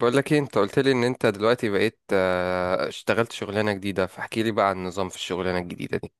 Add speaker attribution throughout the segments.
Speaker 1: بقول لك ايه، انت قلت لي ان انت دلوقتي بقيت اشتغلت شغلانة جديدة، فاحكي لي بقى عن النظام في الشغلانة الجديدة دي.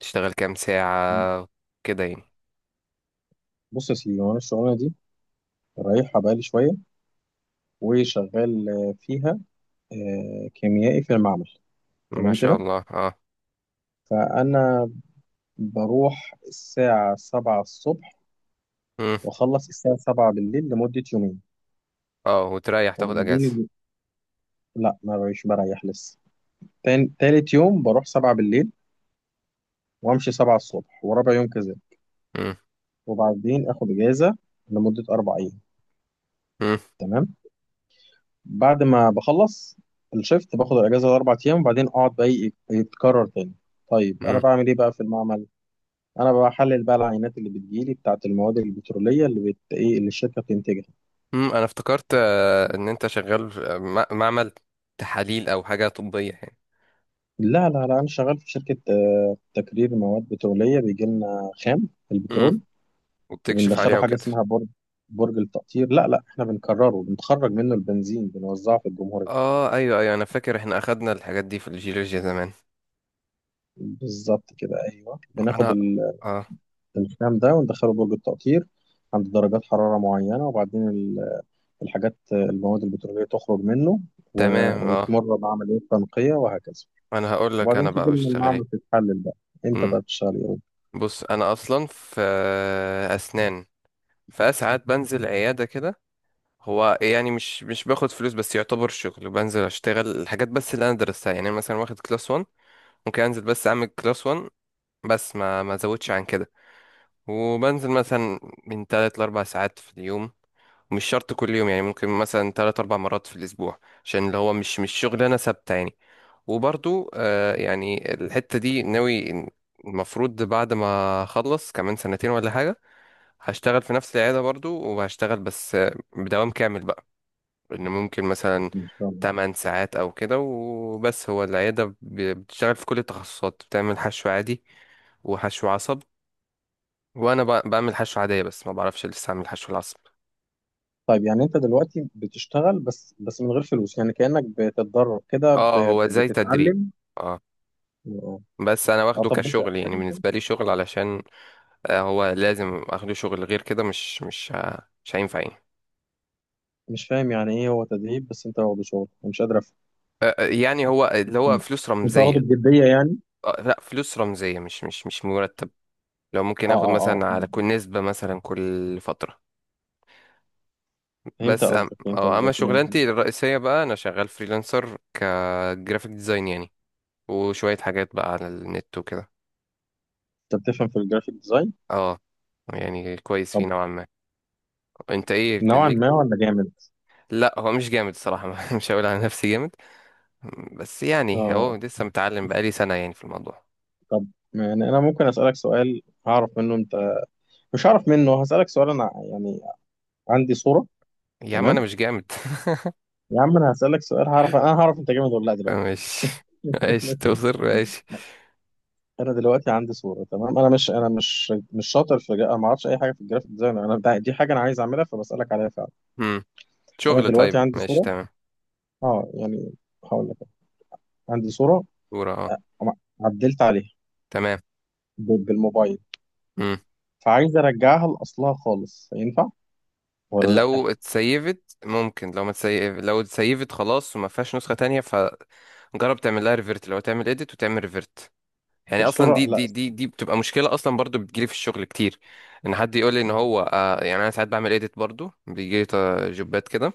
Speaker 1: تشتغل كام ساعة؟ كده يعني.
Speaker 2: بص يا سيدي، وانا الشغلانه دي رايحها بقالي شويه وشغال فيها، كيميائي في المعمل.
Speaker 1: ما
Speaker 2: تمام
Speaker 1: شاء
Speaker 2: كده.
Speaker 1: الله. اه.
Speaker 2: فانا بروح الساعه 7 الصبح
Speaker 1: مم.
Speaker 2: واخلص الساعه 7 بالليل لمده يومين،
Speaker 1: اه، وتريح تاخد اجازة؟
Speaker 2: وبعدين لا، ما بقيش بريح لسه. تالت يوم بروح 7 بالليل وامشي 7 الصبح، ورابع يوم كذا،
Speaker 1: مم.
Speaker 2: وبعدين اخد اجازه لمده 4 ايام.
Speaker 1: مم.
Speaker 2: تمام. بعد ما بخلص الشيفت باخد الاجازه الاربع ايام، وبعدين اقعد بقى يتكرر تاني. طيب انا
Speaker 1: مم.
Speaker 2: بعمل ايه بقى في المعمل؟ انا بحلل بقى العينات اللي بتجيلي بتاعه المواد البتروليه اللي ايه اللي الشركه بتنتجها.
Speaker 1: مم. انا افتكرت ان انت شغال في معمل تحاليل او حاجة طبية يعني.
Speaker 2: لا لا لا، انا شغال في شركه تكرير مواد بتروليه. بيجي لنا خام
Speaker 1: مم.
Speaker 2: البترول
Speaker 1: وبتكشف
Speaker 2: وبندخله
Speaker 1: عليها
Speaker 2: حاجه
Speaker 1: وكده.
Speaker 2: اسمها برج التقطير. لا لا، احنا بنكرره. بنخرج منه البنزين، بنوزعه في الجمهوريه.
Speaker 1: اه، ايوه ايوه، انا فاكر احنا اخدنا الحاجات دي في الجيولوجيا زمان.
Speaker 2: بالظبط كده، ايوه، بناخد
Speaker 1: انا. اه.
Speaker 2: الخام ده وندخله درج التقطير عند درجات حرارة معينة، وبعدين الحاجات المواد البترولية تخرج منه،
Speaker 1: تمام، اه.
Speaker 2: ويتمر بعملية تنقية وهكذا.
Speaker 1: انا هقول لك، انا
Speaker 2: وبعدين
Speaker 1: بقى
Speaker 2: تيجي من
Speaker 1: بشتغل.
Speaker 2: المعمل تتحلل بقى. انت
Speaker 1: ايه؟
Speaker 2: بقى بتشتغل ايه؟
Speaker 1: بص، انا اصلا في اسنان. فساعات بنزل عياده كده. هو يعني مش باخد فلوس، بس يعتبر شغل، بنزل اشتغل الحاجات بس اللي انا درستها يعني. أنا مثلا واخد كلاس 1. ممكن انزل بس اعمل كلاس 1. بس ما ازودش عن كده. وبنزل مثلا من 3 ل 4 ساعات في اليوم. مش شرط كل يوم يعني، ممكن مثلا 3 4 مرات في الاسبوع. عشان اللي هو مش شغلانه ثابته يعني. وبرضو يعني الحته دي ناوي. المفروض بعد ما اخلص كمان سنتين ولا حاجه، هشتغل في نفس العيادة برضو، وهشتغل بس بدوام كامل بقى. لأن ممكن مثلا
Speaker 2: ان شاء الله.
Speaker 1: 8 ساعات أو كده وبس. هو العيادة بتشتغل في كل التخصصات، بتعمل حشو عادي وحشو عصب. وأنا بعمل حشو عادية، بس ما بعرفش لسه أعمل حشو العصب.
Speaker 2: طيب يعني انت دلوقتي بتشتغل بس من غير فلوس، يعني كأنك بتتدرب كده،
Speaker 1: اه،
Speaker 2: ب-
Speaker 1: هو زي تدريب.
Speaker 2: بتتعلم
Speaker 1: اه.
Speaker 2: اه.
Speaker 1: بس أنا واخده
Speaker 2: طب بس
Speaker 1: كشغل يعني، بالنسبة لي شغل علشان هو لازم أخده شغل، غير كده مش هينفع يعني.
Speaker 2: مش فاهم. يعني ايه هو تدريب بس انت واخده شغل؟ أنا مش قادر افهم.
Speaker 1: يعني هو اللي هو فلوس
Speaker 2: انت واخده
Speaker 1: رمزية.
Speaker 2: بجدية يعني؟
Speaker 1: لا فلوس رمزية، مش مرتب. لو ممكن
Speaker 2: اه
Speaker 1: اخد
Speaker 2: اه اه،
Speaker 1: مثلا على كل
Speaker 2: فاهم.
Speaker 1: نسبة مثلا كل فترة.
Speaker 2: فهمت
Speaker 1: بس أم...
Speaker 2: قصدك، فهمت
Speaker 1: اه اما
Speaker 2: قصدك.
Speaker 1: شغلانتي الرئيسية بقى، انا شغال فريلانسر كجرافيك ديزاين يعني. وشوية حاجات بقى على النت وكده.
Speaker 2: انت بتفهم في الجرافيك ديزاين؟
Speaker 1: اه، يعني كويس
Speaker 2: طب
Speaker 1: فيه نوعا ما. انت ايه
Speaker 2: نوعا
Speaker 1: ليك؟
Speaker 2: ما ولا جامد؟
Speaker 1: لا، هو مش جامد الصراحة. مش هقول على نفسي جامد. بس يعني هو
Speaker 2: اه.
Speaker 1: لسه متعلم، بقالي سنة يعني في الموضوع.
Speaker 2: طب يعني انا ممكن اسالك سؤال هعرف منه انت، مش هعرف منه، هسالك سؤال انا يعني. عندي صوره.
Speaker 1: يا عم، انا
Speaker 2: تمام.
Speaker 1: مش جامد.
Speaker 2: يا عم انا هسالك سؤال، هعرف انا، هعرف انت جامد ولا لا دلوقتي.
Speaker 1: ماشي. ماشي
Speaker 2: ماشي.
Speaker 1: توصل، ماشي.
Speaker 2: انا دلوقتي عندي صوره. تمام. انا مش شاطر في انا ما اعرفش اي حاجه في الجرافيك ديزاين. انا دي حاجه انا عايز اعملها فبسالك عليها فعلا.
Speaker 1: مم.
Speaker 2: انا
Speaker 1: شغل؟
Speaker 2: دلوقتي
Speaker 1: طيب،
Speaker 2: عندي
Speaker 1: ماشي،
Speaker 2: صوره.
Speaker 1: تمام.
Speaker 2: اه يعني. هقول لك. عندي صوره
Speaker 1: صورة، اه.
Speaker 2: عدلت عليها
Speaker 1: تمام.
Speaker 2: بالموبايل،
Speaker 1: مم.
Speaker 2: فعايز ارجعها لاصلها خالص. ينفع ولا لا؟
Speaker 1: لو اتسيفت ممكن، لو ما تسيف، لو اتسيفت خلاص وما فيهاش نسخة تانية، فجرب تعمل لها ريفرت. لو تعمل اديت وتعمل ريفرت. يعني اصلا
Speaker 2: الصوره،
Speaker 1: دي
Speaker 2: لا.
Speaker 1: دي دي دي بتبقى مشكلة اصلا، برضو بتجيلي في الشغل كتير. ان حد يقول لي ان هو يعني انا ساعات بعمل اديت، برضو بيجيلي جوبات كده.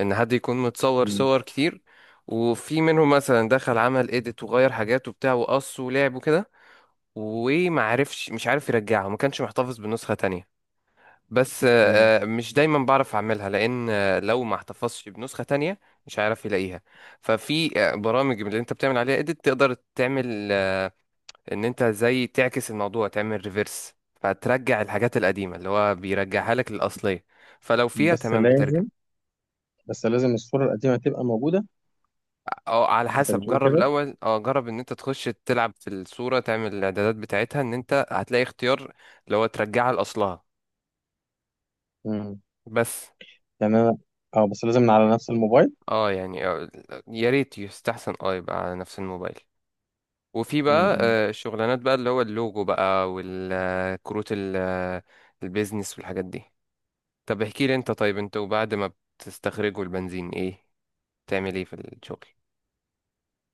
Speaker 1: ان حد يكون متصور
Speaker 2: مم.
Speaker 1: صور كتير. وفي منهم مثلا دخل عمل اديت وغير حاجات وبتاع وقص ولعب وكده. مش عارف يرجعها، ما كانش محتفظ بنسخة تانية. بس
Speaker 2: مم.
Speaker 1: مش دايما بعرف اعملها، لان لو ما احتفظتش بنسخة تانية. مش هعرف يلاقيها. ففي برامج من اللي انت بتعمل عليها اديت، تقدر تعمل ان انت زي تعكس الموضوع، تعمل ريفرس. فترجع الحاجات القديمة، اللي هو بيرجعها لك للأصلية. فلو فيها
Speaker 2: بس
Speaker 1: تمام، بترجع.
Speaker 2: لازم بس لازم الصوره القديمه تبقى موجوده.
Speaker 1: او على
Speaker 2: انت
Speaker 1: حسب،
Speaker 2: بتقول
Speaker 1: جرب
Speaker 2: كده؟
Speaker 1: الاول اه جرب ان انت تخش تلعب في الصورة، تعمل الاعدادات بتاعتها، ان انت هتلاقي اختيار. اللي هو ترجعها لأصلها.
Speaker 2: مم.
Speaker 1: بس.
Speaker 2: يعني انا، اه بس لازم من على نفس الموبايل.
Speaker 1: اه يعني يا ريت يستحسن يبقى على نفس الموبايل. وفي بقى
Speaker 2: مم.
Speaker 1: شغلانات بقى، اللي هو اللوجو بقى، والكروت البيزنس والحاجات دي. طب احكي لي، انت طيب، انت وبعد ما بتستخرجوا البنزين، تعمل ايه في الشغل؟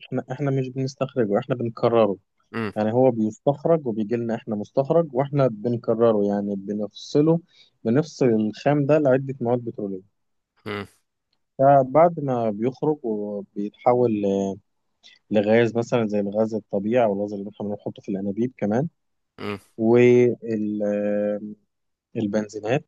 Speaker 2: احنا مش بنستخرجه. احنا بنكرره.
Speaker 1: امم.
Speaker 2: يعني هو بيستخرج وبيجي لنا، احنا مستخرج، واحنا بنكرره. يعني بنفصل الخام ده لعده مواد بتروليه.
Speaker 1: امم.
Speaker 2: فبعد ما بيخرج وبيتحول لغاز مثلا، زي الغاز الطبيعي او الغاز اللي احنا بنحطه في الانابيب كمان،
Speaker 1: امم.
Speaker 2: والبنزينات.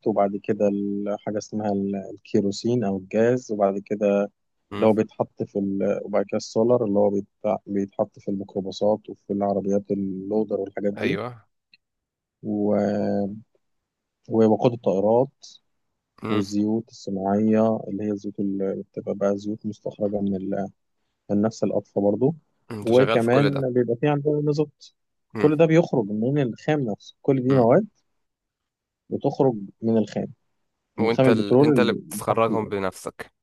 Speaker 2: وبعد كده حاجة اسمها الكيروسين أو الجاز، وبعد كده
Speaker 1: امم.
Speaker 2: اللي هو بيتحط في وبعد كده السولار اللي هو بيتحط في الميكروباصات وفي العربيات اللودر والحاجات دي،
Speaker 1: ايوه.
Speaker 2: و... ووقود الطائرات،
Speaker 1: امم.
Speaker 2: والزيوت الصناعية، اللي هي الزيوت اللي بتبقى بقى زيوت مستخرجة من نفس الأطفة برضو.
Speaker 1: امم. انت شغال في كل ده؟
Speaker 2: وكمان بيبقى في عندنا مازوت.
Speaker 1: امم.
Speaker 2: كل ده بيخرج من الخام نفسه. كل دي
Speaker 1: امم.
Speaker 2: مواد بتخرج من الخام من خام
Speaker 1: وانت
Speaker 2: البترول
Speaker 1: انت اللي
Speaker 2: اللي تحت
Speaker 1: بتخرجهم
Speaker 2: الأرض.
Speaker 1: بنفسك؟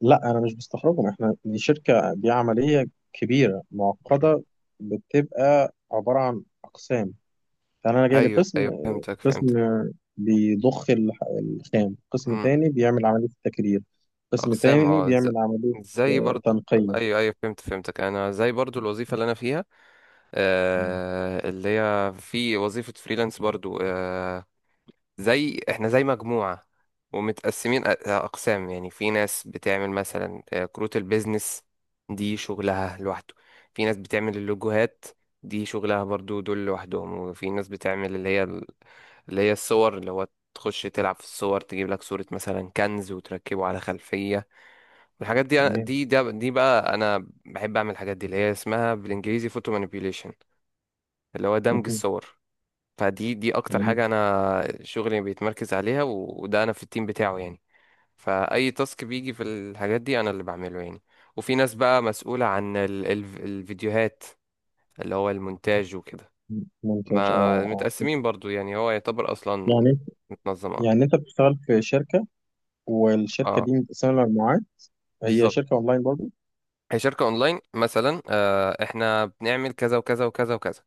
Speaker 2: لا، أنا مش بستخرجهم. إحنا دي شركة، دي عملية كبيرة
Speaker 1: مم.
Speaker 2: معقدة. بتبقى عبارة عن أقسام. فأنا جاي
Speaker 1: ايوه
Speaker 2: لقسم.
Speaker 1: ايوه، فهمتك
Speaker 2: قسم
Speaker 1: فهمتك.
Speaker 2: بيضخ الخام، قسم
Speaker 1: امم.
Speaker 2: تاني بيعمل عملية التكرير، قسم
Speaker 1: اقسام،
Speaker 2: تاني
Speaker 1: اه.
Speaker 2: بيعمل عملية
Speaker 1: زي برضو.
Speaker 2: تنقية.
Speaker 1: ايوه ايوه، فهمتك. انا زي برضو الوظيفة اللي انا فيها.
Speaker 2: مم.
Speaker 1: اللي هي في وظيفة فريلانس برضو احنا زي مجموعة. ومتقسمين أقسام يعني. في ناس بتعمل مثلا كروت البيزنس. دي شغلها لوحده. في ناس بتعمل اللوجوهات. دي شغلها برضو، دول لوحدهم. وفي ناس بتعمل اللي هي اللي هي الصور، اللي هو تخش تلعب في الصور، تجيب لك صورة مثلا كنز وتركبه على خلفية. والحاجات دي،
Speaker 2: تمام.
Speaker 1: دي بقى أنا بحب أعمل الحاجات دي، اللي هي اسمها بالإنجليزي فوتو manipulation. اللي هو دمج
Speaker 2: مهم.
Speaker 1: الصور. دي اكتر
Speaker 2: تمام.
Speaker 1: حاجة انا شغلي بيتمركز عليها، وده انا في التيم بتاعه يعني. فاي تاسك بيجي في الحاجات دي، انا اللي بعمله يعني. وفي ناس بقى مسؤولة عن ال ال الفيديوهات. اللي هو المونتاج وكده.
Speaker 2: مم. ممتاز،
Speaker 1: ما
Speaker 2: اه. اه
Speaker 1: متقسمين برضو يعني، هو يعتبر اصلا
Speaker 2: يعني
Speaker 1: متنظم، اه.
Speaker 2: يعني انت بتشتغل في شركة، والشركة
Speaker 1: اه،
Speaker 2: دي متقسمة لمجموعات. هي
Speaker 1: بالظبط.
Speaker 2: شركة اونلاين برضو؟
Speaker 1: هي شركة اونلاين، مثلا احنا بنعمل كذا وكذا وكذا وكذا.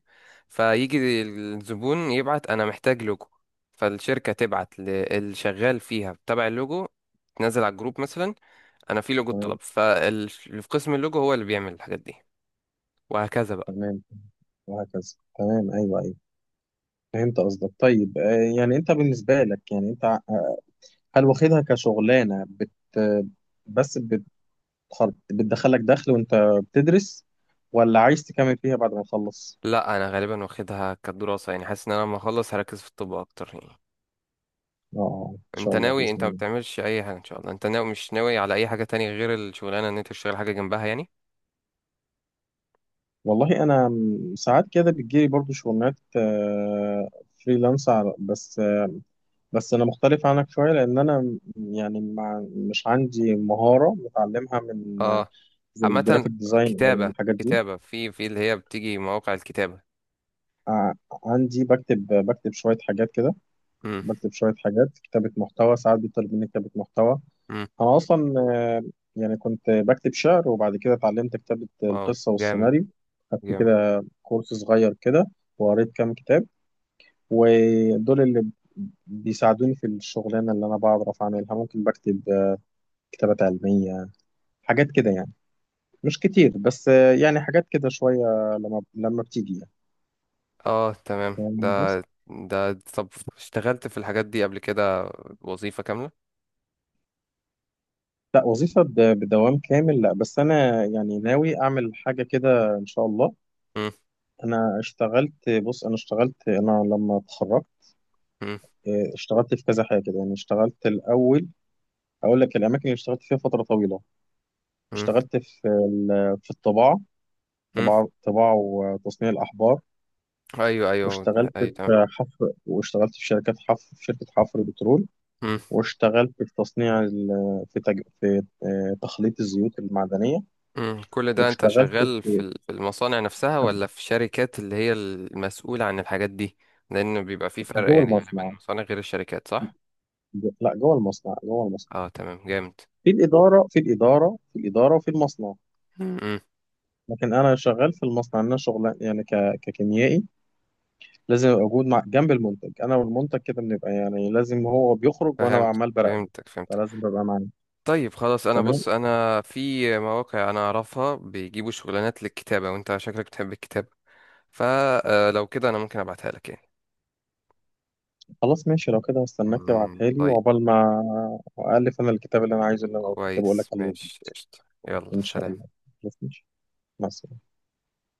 Speaker 1: فيجي الزبون يبعت انا محتاج لوجو. فالشركة تبعت للشغال فيها تبع اللوجو. تنزل على الجروب مثلا. انا في لوجو الطلب،
Speaker 2: تمام.
Speaker 1: فاللي في قسم اللوجو هو اللي بيعمل الحاجات دي. وهكذا بقى.
Speaker 2: تمام وهكذا. تمام، ايوه ايوه. فهمت قصدك. طيب يعني انت بالنسبه لك، يعني انت، هل واخدها كشغلانه بس بتخر... بتدخلك دخل وانت بتدرس؟ ولا عايز تكمل فيها بعد ما تخلص؟
Speaker 1: لا، انا غالبا واخدها كدراسة، يعني حاسس ان انا لما اخلص هركز في الطب اكتر يعني.
Speaker 2: اه، ان
Speaker 1: انت
Speaker 2: شاء الله
Speaker 1: ناوي؟
Speaker 2: باذن
Speaker 1: انت ما
Speaker 2: الله.
Speaker 1: بتعملش اي حاجة ان شاء الله؟ انت ناوي مش ناوي على اي حاجة تانية غير الشغلانة ان انت تشتغل حاجة جنبها يعني؟
Speaker 2: والله انا، ساعات كده بتجيلي برضو شغلانات فريلانس بس انا مختلف عنك شويه لان انا، يعني مش عندي مهاره متعلمها من
Speaker 1: اه،
Speaker 2: زي
Speaker 1: عامة.
Speaker 2: الجرافيك ديزاين او
Speaker 1: كتابة
Speaker 2: الحاجات دي.
Speaker 1: كتابة في اللي هي بتيجي مواقع الكتابة.
Speaker 2: ع- عندي، بكتب شوية حاجات كده.
Speaker 1: امم.
Speaker 2: بكتب شوية حاجات كتابة محتوى. ساعات بيطلب مني كتابة محتوى.
Speaker 1: امم.
Speaker 2: أنا أصلا يعني كنت بكتب شعر، وبعد كده اتعلمت كتابة
Speaker 1: واو،
Speaker 2: القصة
Speaker 1: جامد.
Speaker 2: والسيناريو. خدت
Speaker 1: جامد.
Speaker 2: كده كورس صغير كده، وقريت كام كتاب. ودول اللي بيساعدوني في الشغلانة اللي أنا بعرف أعملها. ممكن بكتب كتابات علمية، حاجات كده يعني. مش كتير بس يعني حاجات كده شوية لما بتيجي
Speaker 1: اه، تمام، ده.
Speaker 2: يعني.
Speaker 1: ده، طب. اشتغلت في الحاجات دي قبل كده وظيفة كاملة؟
Speaker 2: لا، وظيفة بدوام كامل لا، بس أنا يعني ناوي أعمل حاجة كده إن شاء الله.
Speaker 1: امم.
Speaker 2: أنا اشتغلت بص أنا اشتغلت، أنا لما اتخرجت،
Speaker 1: امم.
Speaker 2: اه، اشتغلت في كذا حاجة كده يعني. اشتغلت الأول. أقول لك الأماكن اللي اشتغلت فيها فترة طويلة.
Speaker 1: امم.
Speaker 2: اشتغلت في في الطباعة.
Speaker 1: امم.
Speaker 2: طباعة وتصنيع الأحبار.
Speaker 1: ايوه. ايوه.
Speaker 2: واشتغلت
Speaker 1: ايوه. تمام.
Speaker 2: في حفر، واشتغلت في شركات حفر، في شركة حفر بترول.
Speaker 1: امم.
Speaker 2: واشتغلت في تصنيع ال- في تج... في اه، تخليط الزيوت المعدنية.
Speaker 1: امم. كل ده انت
Speaker 2: واشتغلت
Speaker 1: شغال في
Speaker 2: في
Speaker 1: في المصانع نفسها، ولا في شركات اللي هي المسؤولة عن الحاجات دي؟ لان بيبقى في فرق
Speaker 2: جوه
Speaker 1: يعني، غالبا
Speaker 2: المصنع.
Speaker 1: المصانع غير الشركات، صح؟
Speaker 2: لا، جوه المصنع، جوه المصنع.
Speaker 1: اه، تمام، جامد.
Speaker 2: في الإدارة، في الإدارة، في الإدارة وفي المصنع.
Speaker 1: امم.
Speaker 2: لكن أنا شغال في المصنع. أنا شغل يعني ككيميائي. لازم أبقى موجود جنب المنتج. أنا والمنتج كده بنبقى، يعني لازم هو بيخرج وأنا
Speaker 1: فهمت
Speaker 2: عمال براقبه.
Speaker 1: فهمتك فهمتك.
Speaker 2: فلازم ببقى معاه.
Speaker 1: طيب خلاص، انا
Speaker 2: تمام.
Speaker 1: بص، انا في مواقع انا اعرفها بيجيبوا شغلانات للكتابة، وانت شكلك بتحب الكتابة. فلو كده انا ممكن ابعتها لك يعني.
Speaker 2: خلاص ماشي. لو كده هستناك تبعتها لي،
Speaker 1: طيب.
Speaker 2: وعقبال ما ألف أنا الكتاب اللي أنا عايزه، اللي أنا كنت بقول لك
Speaker 1: كويس،
Speaker 2: عليه ده.
Speaker 1: ماشي، قشطة. يلا،
Speaker 2: إن شاء الله.
Speaker 1: سلام.
Speaker 2: خلاص ماشي. مع السلامة.